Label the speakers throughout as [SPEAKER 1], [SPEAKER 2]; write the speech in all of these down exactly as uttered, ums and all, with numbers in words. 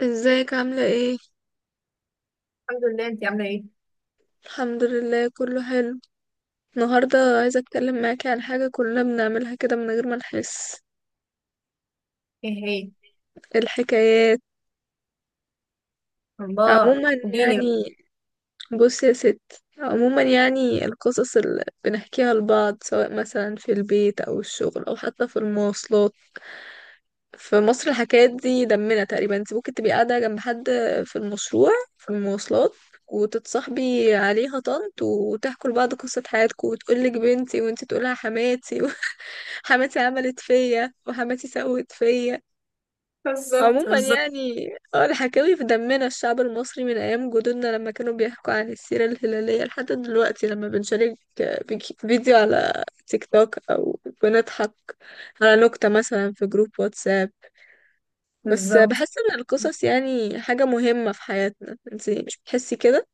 [SPEAKER 1] ازيك عاملة ايه؟
[SPEAKER 2] الحمد لله. انت عامله ايه؟
[SPEAKER 1] الحمد لله كله حلو. النهاردة عايزة اتكلم معاكي عن حاجة كلنا بنعملها كده من غير ما نحس.
[SPEAKER 2] ايه هي؟
[SPEAKER 1] الحكايات
[SPEAKER 2] الله
[SPEAKER 1] عموما
[SPEAKER 2] اديني بقى.
[SPEAKER 1] يعني. بص يا ست، عموما يعني القصص اللي بنحكيها لبعض سواء مثلا في البيت او الشغل او حتى في المواصلات. في مصر الحكايات دي دمنا تقريبا، انت ممكن تبقي قاعدة جنب حد في المشروع، في المواصلات، وتتصاحبي عليها طنط وتحكوا لبعض قصة حياتكم وتقولك بنتي وانت تقولها حماتي حماتي عملت فيا وحماتي سوت فيا.
[SPEAKER 2] بالظبط،
[SPEAKER 1] عموما
[SPEAKER 2] بالظبط.
[SPEAKER 1] يعني اه، الحكاوي في دمنا، الشعب المصري من ايام جدودنا لما كانوا بيحكوا عن السيرة الهلالية لحد دلوقتي لما بنشارك فيك- فيديو على تيك توك او بنضحك على نكتة مثلا في جروب واتساب. بس
[SPEAKER 2] بالظبط.
[SPEAKER 1] بحس ان القصص يعني حاجة مهمة في حياتنا، انتي مش بتحسي كده؟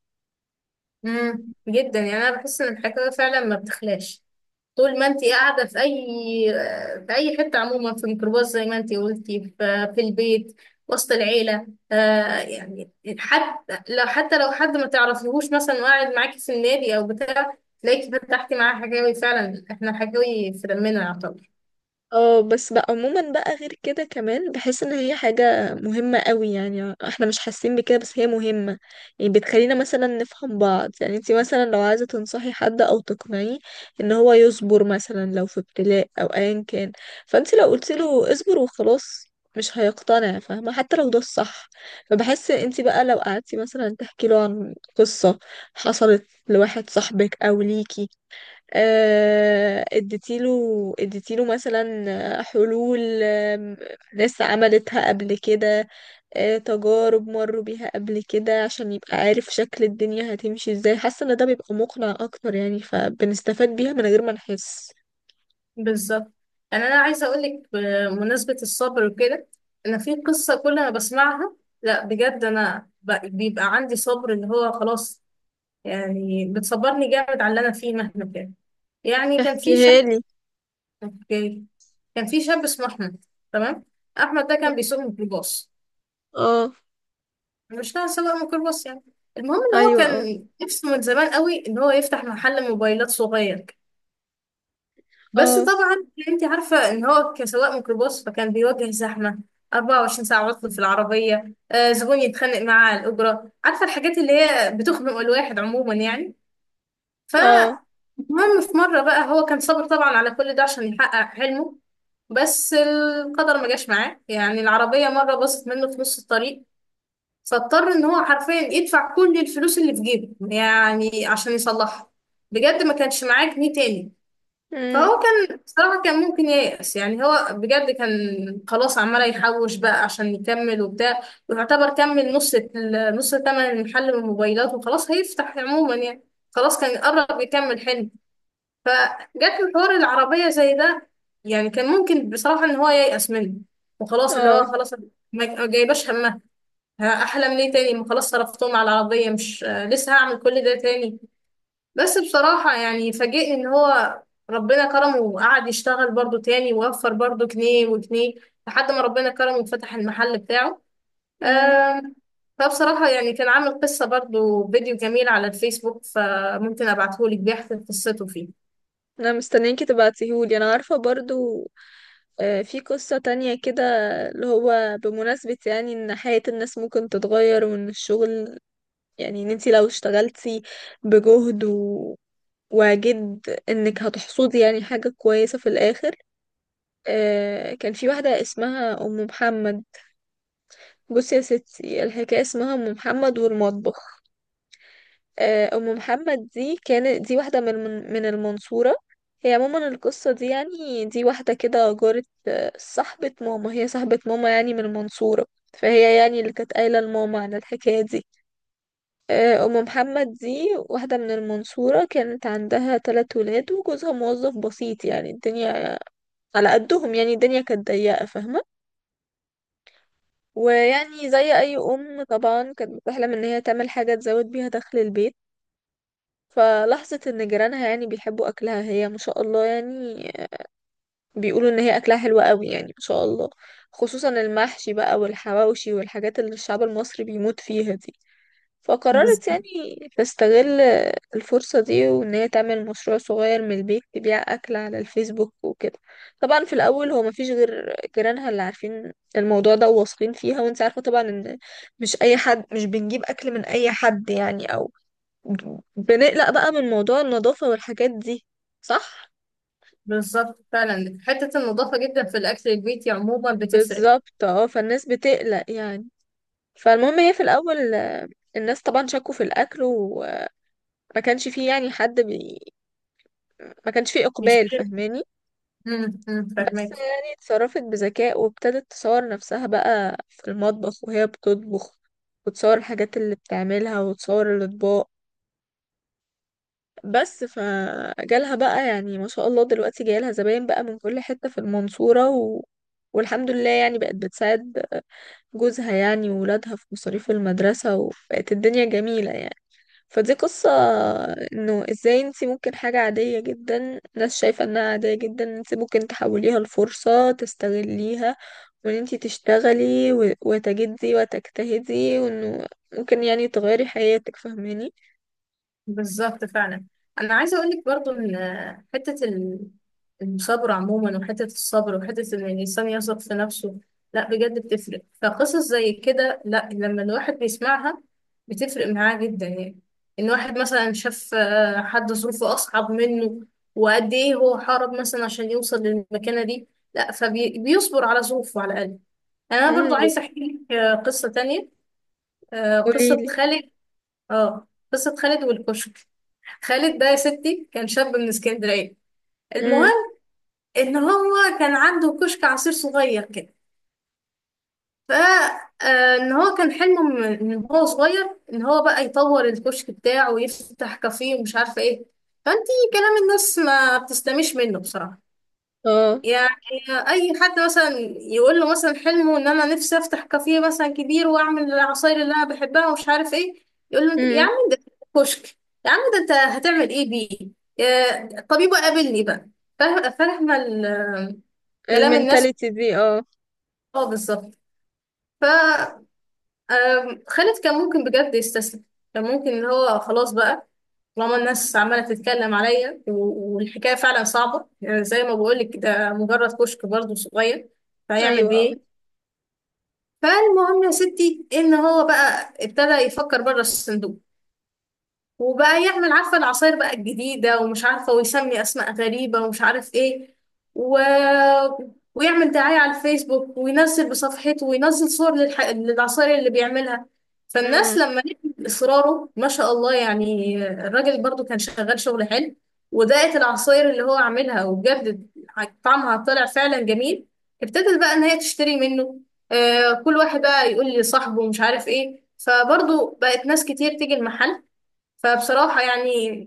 [SPEAKER 2] امم جدا، يعني انا بحس ان الحكايه فعلا ما بتخلاش. طول ما انت قاعده في اي في اي حته عموما، في الميكروباص زي ما انت قلتي في, في البيت، وسط العيله. آه يعني حتى لو حتى لو حد ما تعرفيهوش مثلا وقاعد معاكي في النادي او بتاع، تلاقيكي فتحتي معاه حكاوي. فعلا احنا حكاوي في دمنا يعتبر.
[SPEAKER 1] اه بس بقى، عموما بقى غير كده كمان بحس ان هي حاجة مهمة قوي، يعني احنا مش حاسين بكده بس هي مهمة. يعني بتخلينا مثلا نفهم بعض، يعني انتي مثلا لو عايزة تنصحي حد او تقنعيه ان هو يصبر مثلا لو في ابتلاء او ايا كان، فانتي لو قلتي له اصبر وخلاص مش هيقتنع فاهمة، حتى لو ده الصح. فبحس انتي بقى لو قعدتي مثلا تحكي له عن قصة حصلت لواحد صاحبك او ليكي، آه، اديتيله اديتيله مثلا، آه، حلول، آه، ناس عملتها قبل كده، آه، تجارب مروا بيها قبل كده، عشان يبقى عارف شكل الدنيا هتمشي ازاي، حاسة ان ده بيبقى مقنع اكتر يعني، فبنستفاد بيها من غير ما نحس.
[SPEAKER 2] بالظبط. يعني انا عايزه اقول لك بمناسبه الصبر وكده، انا في قصه كل ما بسمعها، لا بجد، انا ب- بيبقى عندي صبر اللي هو خلاص. يعني بتصبرني جامد على اللي انا فيه مهما كان. يعني كان في شاب.
[SPEAKER 1] احكيها لي.
[SPEAKER 2] اوكي. كان في شاب اسمه احمد. تمام. احمد ده كان بيسوق ميكروباص،
[SPEAKER 1] اه.
[SPEAKER 2] مش نوع سواق ميكروباص يعني. المهم ان هو
[SPEAKER 1] ايوه اه.
[SPEAKER 2] كان نفسه من زمان قوي ان هو يفتح محل موبايلات صغير. بس
[SPEAKER 1] اه.
[SPEAKER 2] طبعا انت عارفة ان هو كسواق ميكروباص، فكان بيواجه زحمة، أربعة وعشرين ساعة عطل في العربية، آه، زبون يتخانق معاه على الأجرة، عارفة الحاجات اللي هي بتخنق الواحد عموما يعني. ف
[SPEAKER 1] اه.
[SPEAKER 2] المهم في مرة بقى هو كان صابر طبعا على كل ده عشان يحقق حلمه. بس القدر ما جاش معاه، يعني العربية مرة باظت منه في نص الطريق، فاضطر ان هو حرفيا يدفع كل الفلوس اللي في جيبه يعني عشان يصلحها. بجد ما كانش معاه جنيه تاني.
[SPEAKER 1] امم.
[SPEAKER 2] فهو كان، بصراحة كان ممكن ييأس، يعني هو بجد كان خلاص، عمال يحوش بقى عشان يكمل وبتاع، ويعتبر كمل نص ال- نص تمن المحل من الموبايلات، وخلاص هيفتح عموما يعني. خلاص كان قرب يكمل حلم، فجت له حوار العربية زي ده. يعني كان ممكن بصراحة إن هو ييأس منه وخلاص، اللي
[SPEAKER 1] اه.
[SPEAKER 2] هو خلاص ما ما جايباش همها. ها، أحلم ليه تاني؟ ما خلاص صرفتهم على العربية. مش آه، لسه هعمل كل ده تاني؟ بس بصراحة يعني فاجئني ان هو ربنا كرمه، وقعد يشتغل برضو تاني، ووفر برضو جنيه وجنيه، لحد ما ربنا كرمه وفتح المحل بتاعه.
[SPEAKER 1] مم.
[SPEAKER 2] آم، فبصراحة يعني كان عامل قصة، برضو فيديو جميل على الفيسبوك، فممكن ابعتهولك بيحكي قصته فيه.
[SPEAKER 1] انا مستنياكي تبعتيهولي. انا عارفة برضو آه، في قصة تانية كده اللي هو بمناسبة يعني ان حياة الناس ممكن تتغير، وان الشغل يعني ان انتي لو اشتغلتي بجهد و... وجد، انك هتحصدي يعني حاجة كويسة في الاخر. آه، كان في واحدة اسمها ام محمد. بصي يا ستي، الحكاية اسمها ام محمد والمطبخ. آه، أم محمد دي كانت دي واحدة من من المنصورة. هي عموما القصة دي، يعني دي واحدة كده جارة، آه، صاحبة ماما، هي صاحبة ماما يعني من المنصورة، فهي يعني اللي كانت قايلة لماما عن الحكاية دي. آه، أم محمد دي واحدة من المنصورة، كانت عندها تلات ولاد وجوزها موظف بسيط، يعني الدنيا على قدهم، يعني الدنيا كانت ضيقة فاهمة. ويعني زي أي أم طبعا كانت بتحلم إن هي تعمل حاجة تزود بيها دخل البيت. فلاحظت ان جيرانها يعني بيحبوا اكلها، هي ما شاء الله يعني بيقولوا ان هي اكلها حلو قوي، يعني ما شاء الله، خصوصا المحشي بقى والحواوشي والحاجات اللي الشعب المصري بيموت فيها دي.
[SPEAKER 2] بز-
[SPEAKER 1] فقررت يعني تستغل الفرصة دي، وان هي تعمل مشروع صغير من البيت تبيع اكل على الفيسبوك وكده. طبعا في الاول هو ما فيش غير جيرانها اللي عارفين الموضوع ده وواثقين فيها، وانت عارفة طبعا ان مش اي حد، مش بنجيب اكل من اي حد يعني، او بنقلق بقى من موضوع النظافة والحاجات دي، صح؟
[SPEAKER 2] بالظبط، فعلا حتة النظافة جدا في الأكل البيتي عموما بتفرق.
[SPEAKER 1] بالظبط اه، فالناس بتقلق يعني. فالمهم هي في الأول آه، الناس طبعا شكوا في الأكل، وما كانش فيه يعني حد بي... ما كانش فيه
[SPEAKER 2] مش
[SPEAKER 1] إقبال فاهماني.
[SPEAKER 2] مم، مم،
[SPEAKER 1] بس
[SPEAKER 2] فاهمك.
[SPEAKER 1] يعني اتصرفت بذكاء وابتدت تصور نفسها بقى في المطبخ وهي بتطبخ، وتصور الحاجات اللي بتعملها وتصور الأطباق. بس فجالها بقى يعني ما شاء الله دلوقتي جايلها زباين بقى من كل حتة في المنصورة و... والحمد لله يعني بقت بتساعد جوزها يعني وولادها في مصاريف المدرسة، وبقت الدنيا جميلة يعني. فدي قصة انه ازاي انتي ممكن حاجة عادية جدا، ناس شايفة انها عادية جدا، انتي ممكن تحوليها لفرصة تستغليها، وان انتي تشتغلي و... وتجدي وتجتهدي، وانه ممكن يعني تغيري حياتك فاهماني.
[SPEAKER 2] بالظبط فعلا. انا عايزه اقول لك برضو ان، حته ال- الصبر عموما، وحته الصبر، وحته ان الانسان يثق في نفسه، لا بجد بتفرق. فقصص زي كده، لا، لما الواحد بيسمعها بتفرق معاه جدا. يعني ان واحد مثلا شاف آه، حد ظروفه اصعب منه، وقد ايه هو حارب مثلا عشان يوصل للمكانه دي، لا فبيصبر على ظروفه على الاقل. انا برضو
[SPEAKER 1] امم.
[SPEAKER 2] عايزه احكي لك آه، قصه تانية. آه، قصه
[SPEAKER 1] قوليلي.
[SPEAKER 2] خالد. اه، قصة خالد والكشك. خالد ده يا ستي كان شاب من اسكندرية.
[SPEAKER 1] امم.
[SPEAKER 2] المهم ان هو كان عنده كشك عصير صغير كده. ف آه، ان هو كان حلمه من من هو صغير ان هو بقى يطور الكشك بتاعه ويفتح كافيه ومش عارفة ايه. فانتي كلام الناس ما بتستمش منه بصراحة.
[SPEAKER 1] اه.
[SPEAKER 2] يعني اي حد مثلا يقول له مثلا حلمه ان انا نفسي افتح كافيه مثلا كبير واعمل العصاير اللي انا بحبها ومش عارف ايه، يقول له يا
[SPEAKER 1] امم.
[SPEAKER 2] عم ده كشك، يا عم ده انت هتعمل ايه بيه؟ يا- طبيبه قابلني بقى. فاهم- فاهمه ال- كلام الناس.
[SPEAKER 1] المينتاليتي دي اه.
[SPEAKER 2] اه بالظبط. أم، خالد كان ممكن بجد يستسلم، كان ممكن ان هو خلاص بقى، طالما الناس عماله تتكلم عليا و- والحكايه فعلا صعبه، يعني زي ما بقولك ده مجرد كشك برضه صغير، فهيعمل
[SPEAKER 1] ايوه.
[SPEAKER 2] بيه إيه؟ فالمهم يا ستي ان هو بقى ابتدى يفكر بره الصندوق، وبقى يعمل عارفة العصاير بقى الجديدة ومش عارفة، ويسمي أسماء غريبة ومش عارف إيه، و... ويعمل دعاية على الفيسبوك، وينزل بصفحته وينزل صور للح... للعصاير اللي بيعملها. فالناس
[SPEAKER 1] امم.
[SPEAKER 2] لما لقت إصراره ما شاء الله، يعني الراجل برضو كان شغال شغل حلو، ودقت العصاير اللي هو عاملها وبجد طعمها طلع فعلا جميل، ابتدت بقى إن هي تشتري منه. آه كل واحد بقى يقول لي صاحبه ومش عارف إيه، فبرضو بقت ناس كتير تيجي المحل. فبصراحة يعني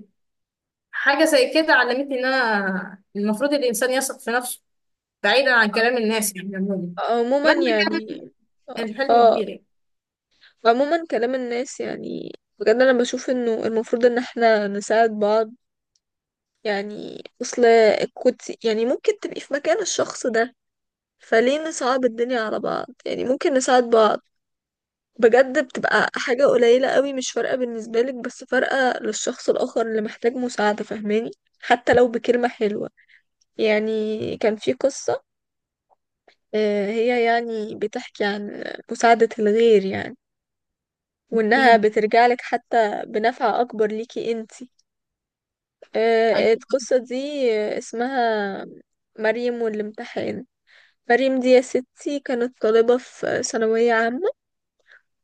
[SPEAKER 2] حاجة زي كده علمتني إن أنا المفروض الإنسان يثق في نفسه، بعيدا عن كلام الناس يعني عموما،
[SPEAKER 1] عموما
[SPEAKER 2] مهما
[SPEAKER 1] يعني
[SPEAKER 2] كان الحلم
[SPEAKER 1] اه.
[SPEAKER 2] كبير يعني.
[SPEAKER 1] عموما كلام الناس يعني، بجد انا بشوف انه المفروض ان احنا نساعد بعض، يعني اصل كنت يعني ممكن تبقي في مكان الشخص ده، فليه نصعب الدنيا على بعض؟ يعني ممكن نساعد بعض، بجد بتبقى حاجة قليلة قوي مش فارقة بالنسبة لك بس فارقة للشخص الآخر اللي محتاج مساعدة فاهماني، حتى لو بكلمة حلوة. يعني كان في قصة آه، هي يعني بتحكي عن مساعدة الغير يعني، وإنها
[SPEAKER 2] أكيد.
[SPEAKER 1] بترجعلك حتى بنفع أكبر ليكي انتي.
[SPEAKER 2] أيوة.
[SPEAKER 1] آه، القصة دي اسمها مريم والامتحان. مريم دي يا ستي كانت طالبة في ثانوية عامة،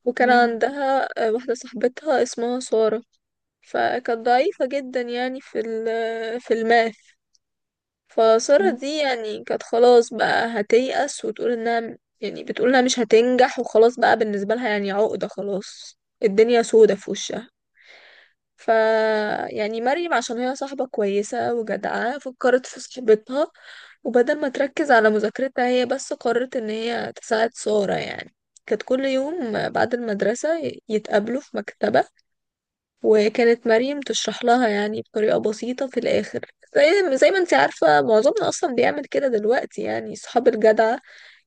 [SPEAKER 1] وكان
[SPEAKER 2] مم.
[SPEAKER 1] عندها آه، واحدة صاحبتها اسمها سارة، فكانت ضعيفة جدا يعني في ال- في الماث. فسارة
[SPEAKER 2] مم.
[SPEAKER 1] دي يعني كانت خلاص بقى هتيأس وتقول انها، يعني بتقول انها مش هتنجح وخلاص بقى، بالنسبة لها يعني عقدة، خلاص الدنيا سودة في وشها. ف يعني مريم عشان هي صاحبة كويسة وجدعة، فكرت في صاحبتها وبدل ما تركز على مذاكرتها هي بس، قررت ان هي تساعد سارة يعني. كانت كل يوم بعد المدرسة يتقابلوا في مكتبة، وكانت مريم تشرح لها يعني بطريقة بسيطة. في الآخر زي, زي ما انت عارفة معظمنا أصلا بيعمل كده دلوقتي، يعني صحاب الجدعة،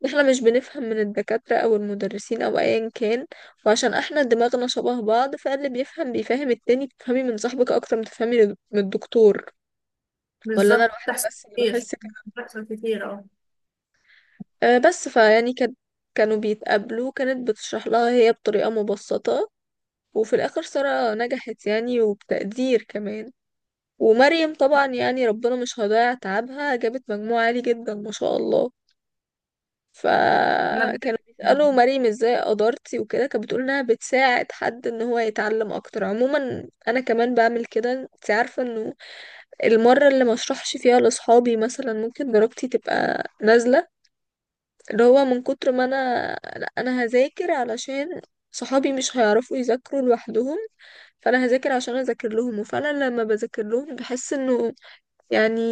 [SPEAKER 1] احنا مش بنفهم من الدكاترة أو المدرسين أو أيا كان، وعشان احنا دماغنا شبه بعض فاللي بيفهم بيفهم التاني، بتفهمي من صاحبك أكتر ما تفهمي من الدكتور. ولا أنا
[SPEAKER 2] بالظبط،
[SPEAKER 1] لوحدي
[SPEAKER 2] بتحصل
[SPEAKER 1] بس اللي
[SPEAKER 2] كتير.
[SPEAKER 1] بحس كده؟
[SPEAKER 2] بتحصل كتير، أه.
[SPEAKER 1] أه بس فيعني كان، كانوا بيتقابلوا كانت بتشرح لها هي بطريقة مبسطة، وفي الآخر سارة نجحت يعني وبتقدير كمان، ومريم طبعا يعني ربنا مش هيضيع تعبها، جابت مجموع عالي جدا ما شاء الله.
[SPEAKER 2] أنا بت-
[SPEAKER 1] فكانوا بيسألوا
[SPEAKER 2] مم.
[SPEAKER 1] مريم ازاي قدرتي وكده، كانت بتقول انها بتساعد حد ان هو يتعلم اكتر. عموما انا كمان بعمل كده، انت عارفة انه المرة اللي ما اشرحش فيها لاصحابي مثلا ممكن درجتي تبقى نازلة، اللي هو من كتر ما انا لا انا هذاكر علشان صحابي مش هيعرفوا يذاكروا لوحدهم، فانا هذاكر عشان اذاكر لهم. وفعلا لما بذاكر لهم بحس انه يعني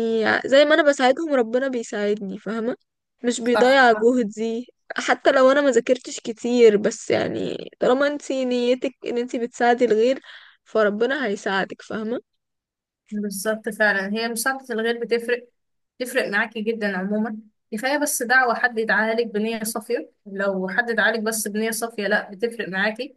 [SPEAKER 1] زي ما انا بساعدهم ربنا بيساعدني فاهمة، مش
[SPEAKER 2] صح.
[SPEAKER 1] بيضيع جهدي. حتى لو انا ما ذاكرتش كتير، بس يعني طالما انتي نيتك ان انتي بتساعدي الغير فربنا هيساعدك فاهمة.
[SPEAKER 2] بالظبط فعلا، هي مساعدة الغير بتفرق، تفرق معاكي جدا عموما. كفاية بس دعوة، حد يدعاها لك بنية صافية، لو حد دعالك بس بنية صافية، لا بتفرق معاكي.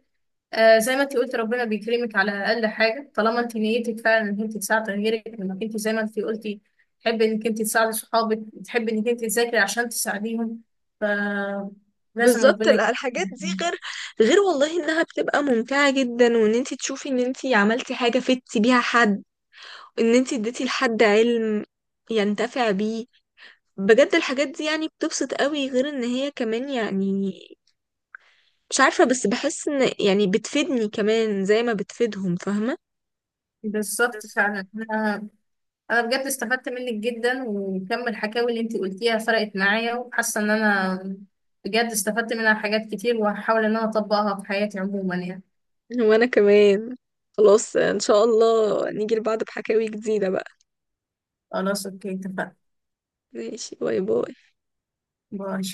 [SPEAKER 2] آه زي ما انت قلت، ربنا بيكرمك على اقل حاجه، طالما انت نيتك فعلا انك انت تساعدي غيرك، انك انت زي ما انت قلتي تحبي انك انت تساعدي صحابك، تحبي انك انت تذاكري عشان تساعديهم، فلازم
[SPEAKER 1] بالظبط.
[SPEAKER 2] ربنا
[SPEAKER 1] لا، الحاجات دي
[SPEAKER 2] يكرمك.
[SPEAKER 1] غير، غير والله انها بتبقى ممتعة جدا، وان انتي تشوفي ان انتي عملتي حاجة فدتي بيها حد، ان انتي اديتي لحد علم ينتفع بيه، بجد الحاجات دي يعني بتبسط قوي. غير ان هي كمان يعني مش عارفة، بس بحس ان يعني بتفيدني كمان زي ما بتفيدهم فاهمة.
[SPEAKER 2] بالظبط
[SPEAKER 1] بالظبط.
[SPEAKER 2] فعلا. انا، انا بجد استفدت منك جدا، وكم الحكاوي اللي انت قلتيها فرقت معايا، وحاسه ان انا بجد استفدت منها حاجات كتير، وهحاول ان انا اطبقها في حياتي عموما يعني.
[SPEAKER 1] وانا كمان. خلاص ان شاء الله نيجي لبعض بحكاوي جديدة بقى.
[SPEAKER 2] خلاص. اوكي اتفقنا.
[SPEAKER 1] ماشي، باي باي.
[SPEAKER 2] باي.